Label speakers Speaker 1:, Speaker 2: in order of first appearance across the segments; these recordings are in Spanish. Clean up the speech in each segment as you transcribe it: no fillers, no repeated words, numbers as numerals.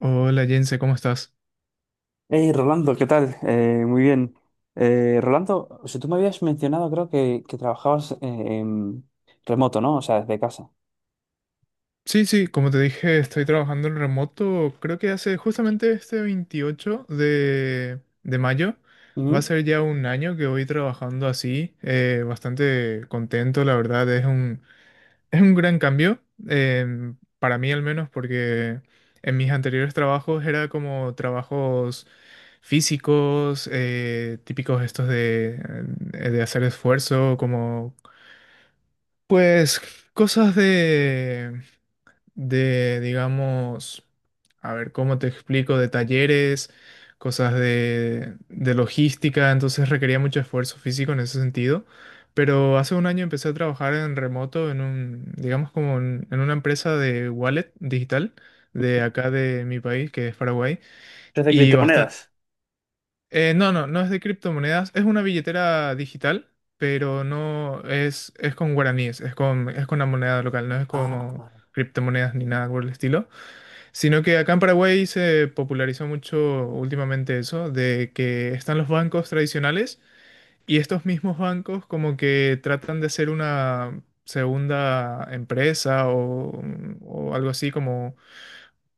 Speaker 1: Hola Jense, ¿cómo estás?
Speaker 2: Hey, Rolando, ¿qué tal? Muy bien. Rolando, o sea, tú me habías mencionado, creo que trabajabas en remoto, ¿no? O sea, desde casa.
Speaker 1: Sí, sí, como te dije, estoy trabajando en remoto. Creo que hace justamente este 28 de mayo. Va a
Speaker 2: Ujú.
Speaker 1: ser ya un año que voy trabajando así. Bastante contento, la verdad. Es un gran cambio, para mí al menos, porque en mis anteriores trabajos era como trabajos físicos, típicos estos de hacer esfuerzo, como pues cosas de digamos, a ver, ¿cómo te explico? De talleres, cosas de logística, entonces requería mucho esfuerzo físico en ese sentido. Pero hace un año empecé a trabajar en remoto en un, digamos, como en una empresa de wallet digital de acá de mi país, que es Paraguay.
Speaker 2: ¿Desde
Speaker 1: Y bastante...
Speaker 2: criptomonedas?
Speaker 1: No, no, no es de criptomonedas, es una billetera digital, pero no es, es con guaraníes, es con la moneda local, no es
Speaker 2: Ah,
Speaker 1: como criptomonedas ni nada por el estilo. Sino que acá en Paraguay se popularizó mucho últimamente eso, de que están los bancos tradicionales y estos mismos bancos como que tratan de ser una segunda empresa o, mm, o algo así como,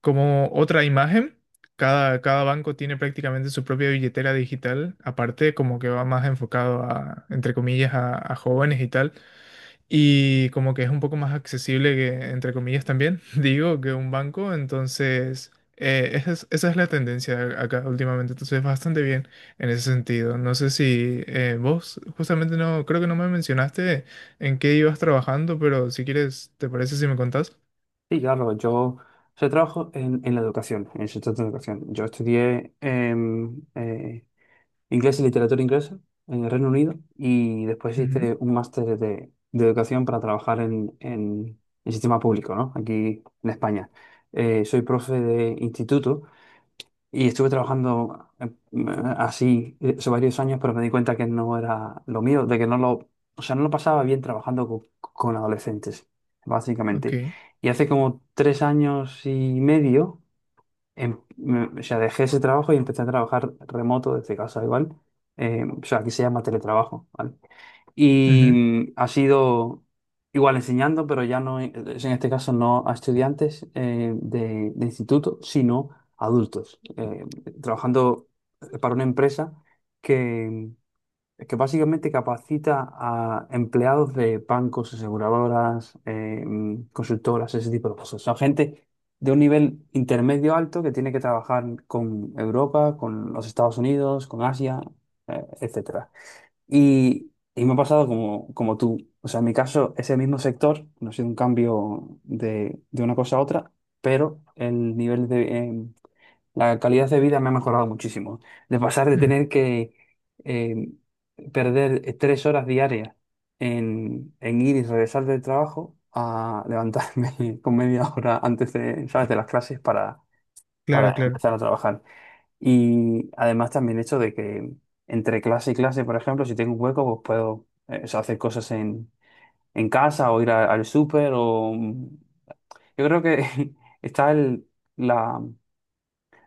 Speaker 1: como otra imagen. Cada, cada banco tiene prácticamente su propia billetera digital, aparte como que va más enfocado a, entre comillas, a jóvenes y tal y como que es un poco más accesible que, entre comillas también, digo, que un banco, entonces esa es la tendencia acá últimamente, entonces bastante bien en ese sentido. No sé si vos justamente no, creo que no me mencionaste en qué ibas trabajando, pero si quieres, ¿te parece si me contás?
Speaker 2: sí, claro, o sea, trabajo en la educación, en el sector de la educación. Yo estudié inglés y literatura inglesa en el Reino Unido y después
Speaker 1: Ujú,
Speaker 2: hice un máster de educación para trabajar en el sistema público, ¿no? Aquí en España. Soy profe de instituto. Y estuve trabajando así eso varios años, pero me di cuenta que no era lo mío, de que no lo, o sea, no lo pasaba bien trabajando con adolescentes, básicamente.
Speaker 1: ok.
Speaker 2: Y hace como tres años y medio, o sea, dejé ese trabajo y empecé a trabajar remoto desde casa, igual. O sea, aquí se llama teletrabajo, ¿vale? Y
Speaker 1: Ujú,
Speaker 2: ha sido igual enseñando, pero ya no, en este caso no a estudiantes de instituto, sino a adultos, trabajando para una empresa que, que básicamente capacita a empleados de bancos, aseguradoras, consultoras, ese tipo de cosas. Son gente de un nivel intermedio alto que tiene que trabajar con Europa, con los Estados Unidos, con Asia, etcétera. Y me ha pasado como, como tú. O sea, en mi caso, ese mismo sector, no ha sido un cambio de una cosa a otra, pero el nivel de... la calidad de vida me ha mejorado muchísimo. De pasar de
Speaker 1: ujú,
Speaker 2: tener que eh, perder tres horas diarias en ir y regresar del trabajo a levantarme con media hora antes de, ¿sabes?, de las clases
Speaker 1: claro,
Speaker 2: para
Speaker 1: claro.
Speaker 2: empezar a trabajar. Y además también el hecho de que entre clase y clase, por ejemplo, si tengo un hueco, pues puedo o sea, hacer cosas en casa o ir al súper o... Yo creo que está la,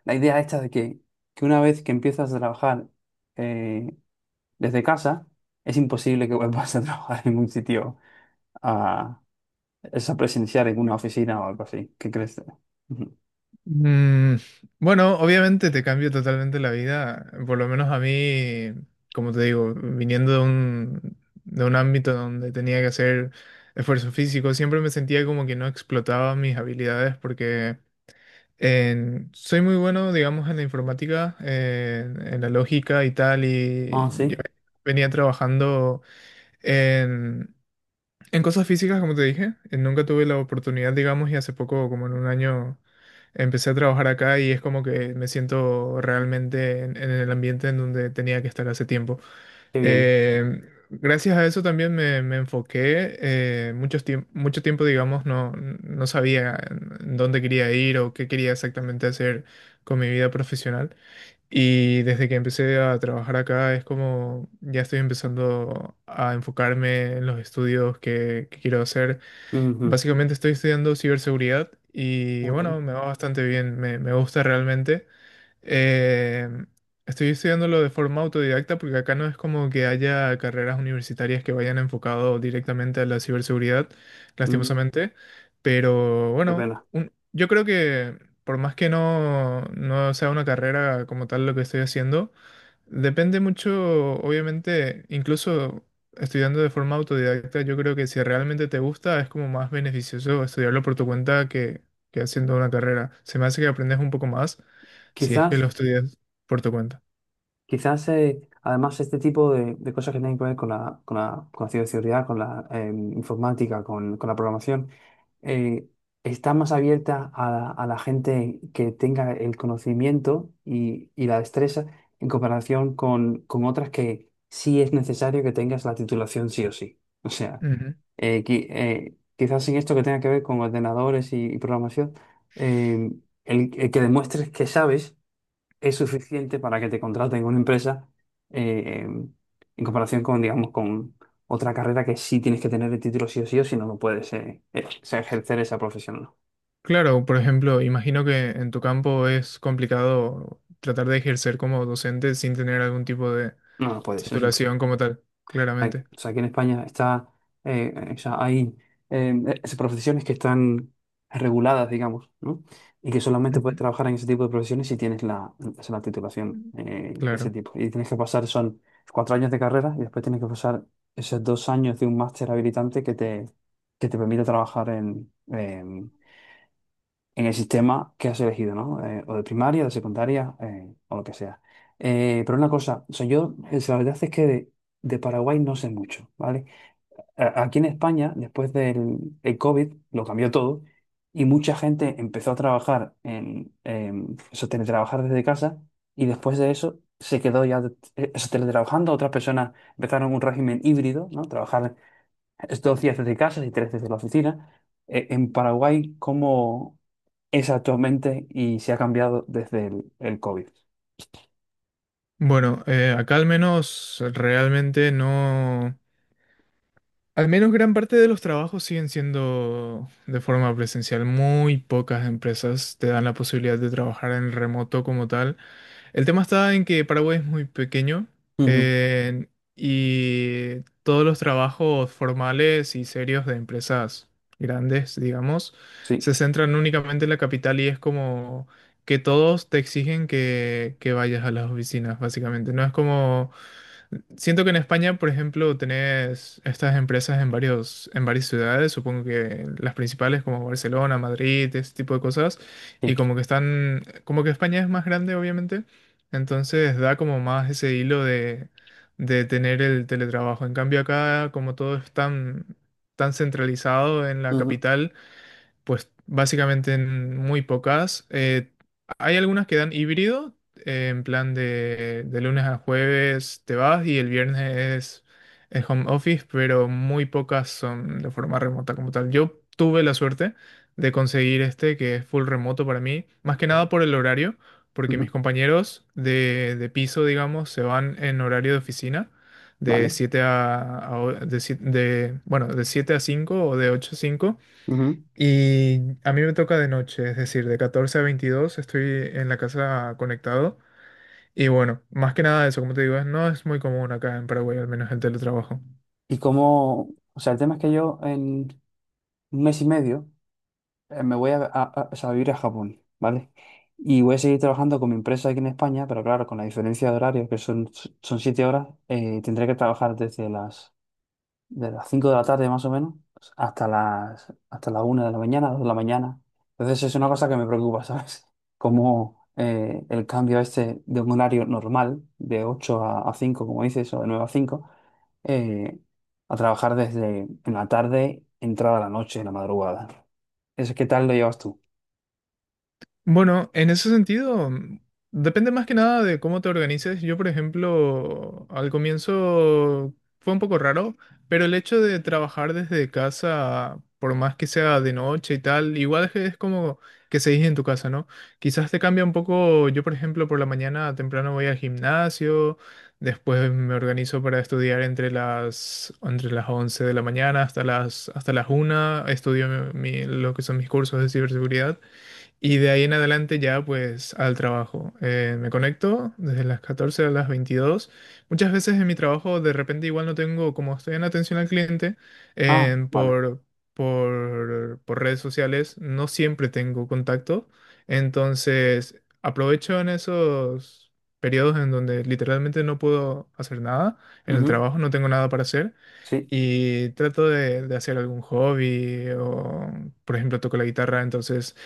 Speaker 2: la idea esta de que una vez que empiezas a trabajar eh, desde casa, es imposible que vuelvas a trabajar en un sitio a, es a presenciar en una oficina o algo así. ¿Qué crees? Ujú.
Speaker 1: Mm, bueno, obviamente te cambia totalmente la vida, por lo menos a mí, como te digo, viniendo de un ámbito donde tenía que hacer esfuerzo físico, siempre me sentía como que no explotaba mis habilidades porque soy muy bueno, digamos, en la informática, en la lógica y tal,
Speaker 2: Ah,
Speaker 1: y
Speaker 2: sí,
Speaker 1: yo venía trabajando en cosas físicas, como te dije, nunca tuve la oportunidad, digamos, y hace poco, como en un año, empecé a trabajar acá y es como que me siento realmente en el ambiente en donde tenía que estar hace tiempo.
Speaker 2: qué bien.
Speaker 1: Eh, Gracias a eso también me enfoqué. Muchos mucho tiempo, digamos, no, no sabía en dónde quería ir o qué quería exactamente hacer con mi vida profesional. Y desde que empecé a trabajar acá es como ya estoy empezando a enfocarme en los estudios que quiero hacer.
Speaker 2: Ujú.
Speaker 1: Básicamente estoy estudiando ciberseguridad y
Speaker 2: Joder.
Speaker 1: bueno, me va bastante bien, me gusta realmente. Eh, Estoy estudiándolo de forma autodidacta porque acá no es como que haya carreras universitarias que vayan enfocado directamente a la ciberseguridad,
Speaker 2: Mm,
Speaker 1: lastimosamente. Pero
Speaker 2: qué
Speaker 1: bueno,
Speaker 2: pena.
Speaker 1: yo creo que por más que no, no sea una carrera como tal lo que estoy haciendo, depende mucho, obviamente, incluso estudiando de forma autodidacta, yo creo que si realmente te gusta es como más beneficioso estudiarlo por tu cuenta que haciendo una carrera. Se me hace que aprendes un poco más si es que lo
Speaker 2: Quizás...
Speaker 1: estudias por tu cuenta.
Speaker 2: Quizás, además, este tipo de cosas que tienen que ver con con la ciberseguridad, con la informática, con la programación, eh, está más abierta a la gente que tenga el conocimiento y la destreza en comparación con otras que sí es necesario que tengas la titulación sí o sí. O sea,
Speaker 1: Ujú.
Speaker 2: quizás en esto que tenga que ver con ordenadores y programación, eh, el que demuestres que sabes es suficiente para que te contraten en una empresa eh, em, en comparación con, digamos, con otra carrera que sí tienes que tener el título sí o sí o si no, no puedes o sea, ejercer esa profesión.
Speaker 1: Claro, por ejemplo, imagino que en tu campo es complicado tratar de ejercer como docente sin tener algún tipo de
Speaker 2: No, no no puedes, es
Speaker 1: titulación
Speaker 2: imposible.
Speaker 1: como tal,
Speaker 2: Aquí
Speaker 1: claramente.
Speaker 2: o sea, aquí en España está, o sea, hay profesiones que están reguladas, digamos, ¿no? Y que solamente puedes
Speaker 1: Ujú.
Speaker 2: trabajar en ese tipo de profesiones si tienes o sea, la titulación de ese
Speaker 1: Claro.
Speaker 2: tipo. Y tienes que pasar, son cuatro años de carrera y después tienes que pasar esos dos años de un máster habilitante que te permite trabajar en el sistema que has elegido, ¿no? O de primaria, de secundaria, o lo que sea. Pero una cosa, o sea, yo, la verdad es que de Paraguay no sé mucho, ¿vale? a- aquí en España, después del COVID, lo cambió todo y mucha gente empezó a trabajar en eso, teletrabajar desde casa y después de eso se quedó ya eso, teletrabajando. Otras personas empezaron un régimen híbrido, ¿no? Trabajar dos días desde casa y tres desde la oficina. En Paraguay, ¿cómo es actualmente y se ha cambiado desde el COVID?
Speaker 1: Bueno, acá al menos realmente no. Al menos gran parte de los trabajos siguen siendo de forma presencial. Muy pocas empresas te dan la posibilidad de trabajar en remoto como tal. El tema está en que Paraguay es muy pequeño
Speaker 2: Ujú.
Speaker 1: eh, y todos los trabajos formales y serios de empresas grandes, digamos,
Speaker 2: Sí,
Speaker 1: se centran únicamente en la capital y es como que todos te exigen que vayas a las oficinas, básicamente. No es como... Siento que en España, por ejemplo, tenés estas empresas en varios, en varias ciudades, supongo que las principales como Barcelona, Madrid, este tipo de cosas,
Speaker 2: sí.
Speaker 1: y como que están, como que España es más grande, obviamente, entonces da como más ese hilo de tener el teletrabajo. En cambio acá, como todo es tan, tan centralizado en la
Speaker 2: Ujú.
Speaker 1: capital, pues básicamente en muy pocas. Hay algunas que dan híbrido, en plan de lunes a jueves te vas y el viernes es home office, pero muy pocas son de forma remota como tal. Yo tuve la suerte de conseguir este que es full remoto para mí, más que nada por el horario, porque mis
Speaker 2: Ujú.
Speaker 1: compañeros de piso, digamos, se van en horario de oficina. De
Speaker 2: Vale.
Speaker 1: 7 a de, bueno, de 7 a 5 o de 8 a 5
Speaker 2: Ujú.
Speaker 1: y a mí me toca de noche, es decir, de 14 a 22 estoy en la casa conectado. Y bueno, más que nada eso, como te digo, no es muy común acá en Paraguay, al menos el teletrabajo.
Speaker 2: Y como, o sea, el tema es que yo un mes y medio, me voy o sea, a vivir a Japón, ¿vale? Y voy a seguir trabajando con mi empresa aquí en España, pero claro, con la diferencia de horario, son siete horas, tendré que trabajar de las cinco de la tarde más o menos hasta la una de la mañana, dos de la mañana. Entonces es una cosa que me preocupa, ¿sabes? Como el cambio este de un horario normal, de 8 a 5 como dices, o de 9 a 5 eh, a trabajar desde en la tarde, entrada a la noche, en la madrugada. ¿Eso qué tal lo llevas tú?
Speaker 1: Bueno, en ese sentido, depende más que nada de cómo te organices. Yo, por ejemplo, al comienzo fue un poco raro, pero el hecho de trabajar desde casa, por más que sea de noche y tal, igual es que es como que seguís en tu casa, ¿no? Quizás te cambia un poco. Yo, por ejemplo, por la mañana temprano voy al gimnasio, después me organizo para estudiar entre las 11 de la mañana hasta las una. Estudio lo que son mis cursos de ciberseguridad. Y de ahí en adelante ya pues al trabajo. Me conecto desde las 14 a las 22. Muchas veces en mi trabajo de repente igual no tengo, como estoy en atención al cliente,
Speaker 2: Ah,
Speaker 1: eh,
Speaker 2: vale.
Speaker 1: por, por redes sociales, no siempre tengo contacto. Entonces aprovecho en esos periodos en donde literalmente no puedo hacer nada, en el
Speaker 2: Ujú.
Speaker 1: trabajo no tengo nada para hacer.
Speaker 2: Sí.
Speaker 1: Y trato de hacer algún hobby o, por ejemplo, toco la guitarra, entonces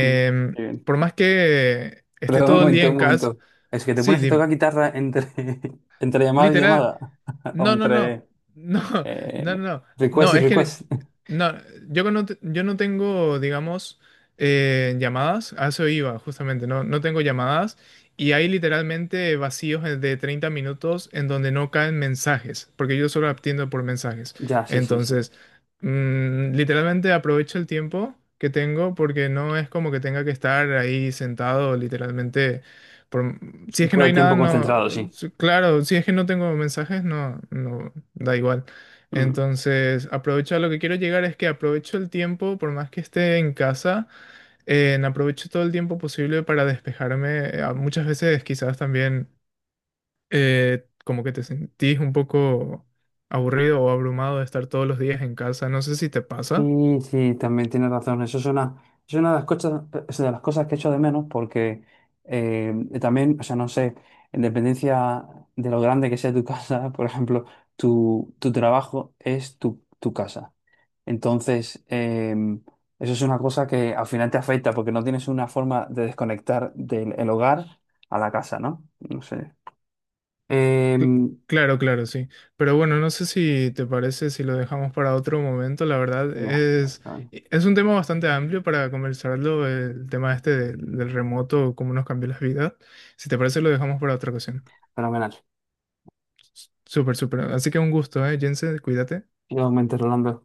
Speaker 2: Mm, qué bien.
Speaker 1: por más que esté
Speaker 2: Pero un
Speaker 1: todo el día
Speaker 2: momento,
Speaker 1: en
Speaker 2: un
Speaker 1: casa,
Speaker 2: momento. ¿Es que te
Speaker 1: sí,
Speaker 2: pones a
Speaker 1: dime.
Speaker 2: tocar guitarra entre, entre llamada y
Speaker 1: Literal,
Speaker 2: llamada? ¿O
Speaker 1: no, no, no.
Speaker 2: entre
Speaker 1: No, no,
Speaker 2: eh,
Speaker 1: no.
Speaker 2: request
Speaker 1: No,
Speaker 2: y
Speaker 1: es que
Speaker 2: request?
Speaker 1: no, yo que no, yo no tengo, digamos, llamadas. A eso iba, justamente. No, no tengo llamadas. Y hay literalmente vacíos de 30 minutos en donde no caen mensajes, porque yo solo atiendo por mensajes.
Speaker 2: Ya, sí, sí, sí.
Speaker 1: Entonces, literalmente aprovecho el tiempo que tengo porque no es como que tenga que estar ahí sentado literalmente por si es que
Speaker 2: Todo
Speaker 1: no
Speaker 2: el
Speaker 1: hay nada,
Speaker 2: tiempo
Speaker 1: no.
Speaker 2: concentrado, sí.
Speaker 1: Claro, si es que no tengo mensajes, no, no, da igual.
Speaker 2: Mm.
Speaker 1: Entonces, aprovecho, a lo que quiero llegar es que aprovecho el tiempo, por más que esté en casa, en aprovecho todo el tiempo posible para despejarme. Muchas veces quizás también como que te sentís un poco aburrido o abrumado de estar todos los días en casa. No sé si te pasa.
Speaker 2: Sí, sí, también tienes razón. Eso es una de las cosas, es de las cosas que echo de menos porque eh, también, o sea, no sé, en dependencia de lo grande que sea tu casa, por ejemplo, tu trabajo es tu, tu casa. Entonces, eso es una cosa que al final te afecta porque no tienes una forma de desconectar del el hogar a la casa, ¿no? No sé. Eh,
Speaker 1: Cl- Claro, claro, sí. Pero bueno, no sé si te parece si lo dejamos para otro momento. La verdad
Speaker 2: ya,
Speaker 1: es, e, es un tema bastante amplio para conversarlo, el tema este del, del remoto, cómo nos cambió las vidas. Si te parece, lo dejamos para otra ocasión.
Speaker 2: fenomenal.
Speaker 1: Súper, súper. Así que un gusto, ¿eh, Jensen? Cuídate.
Speaker 2: ¡Yo me Rolando!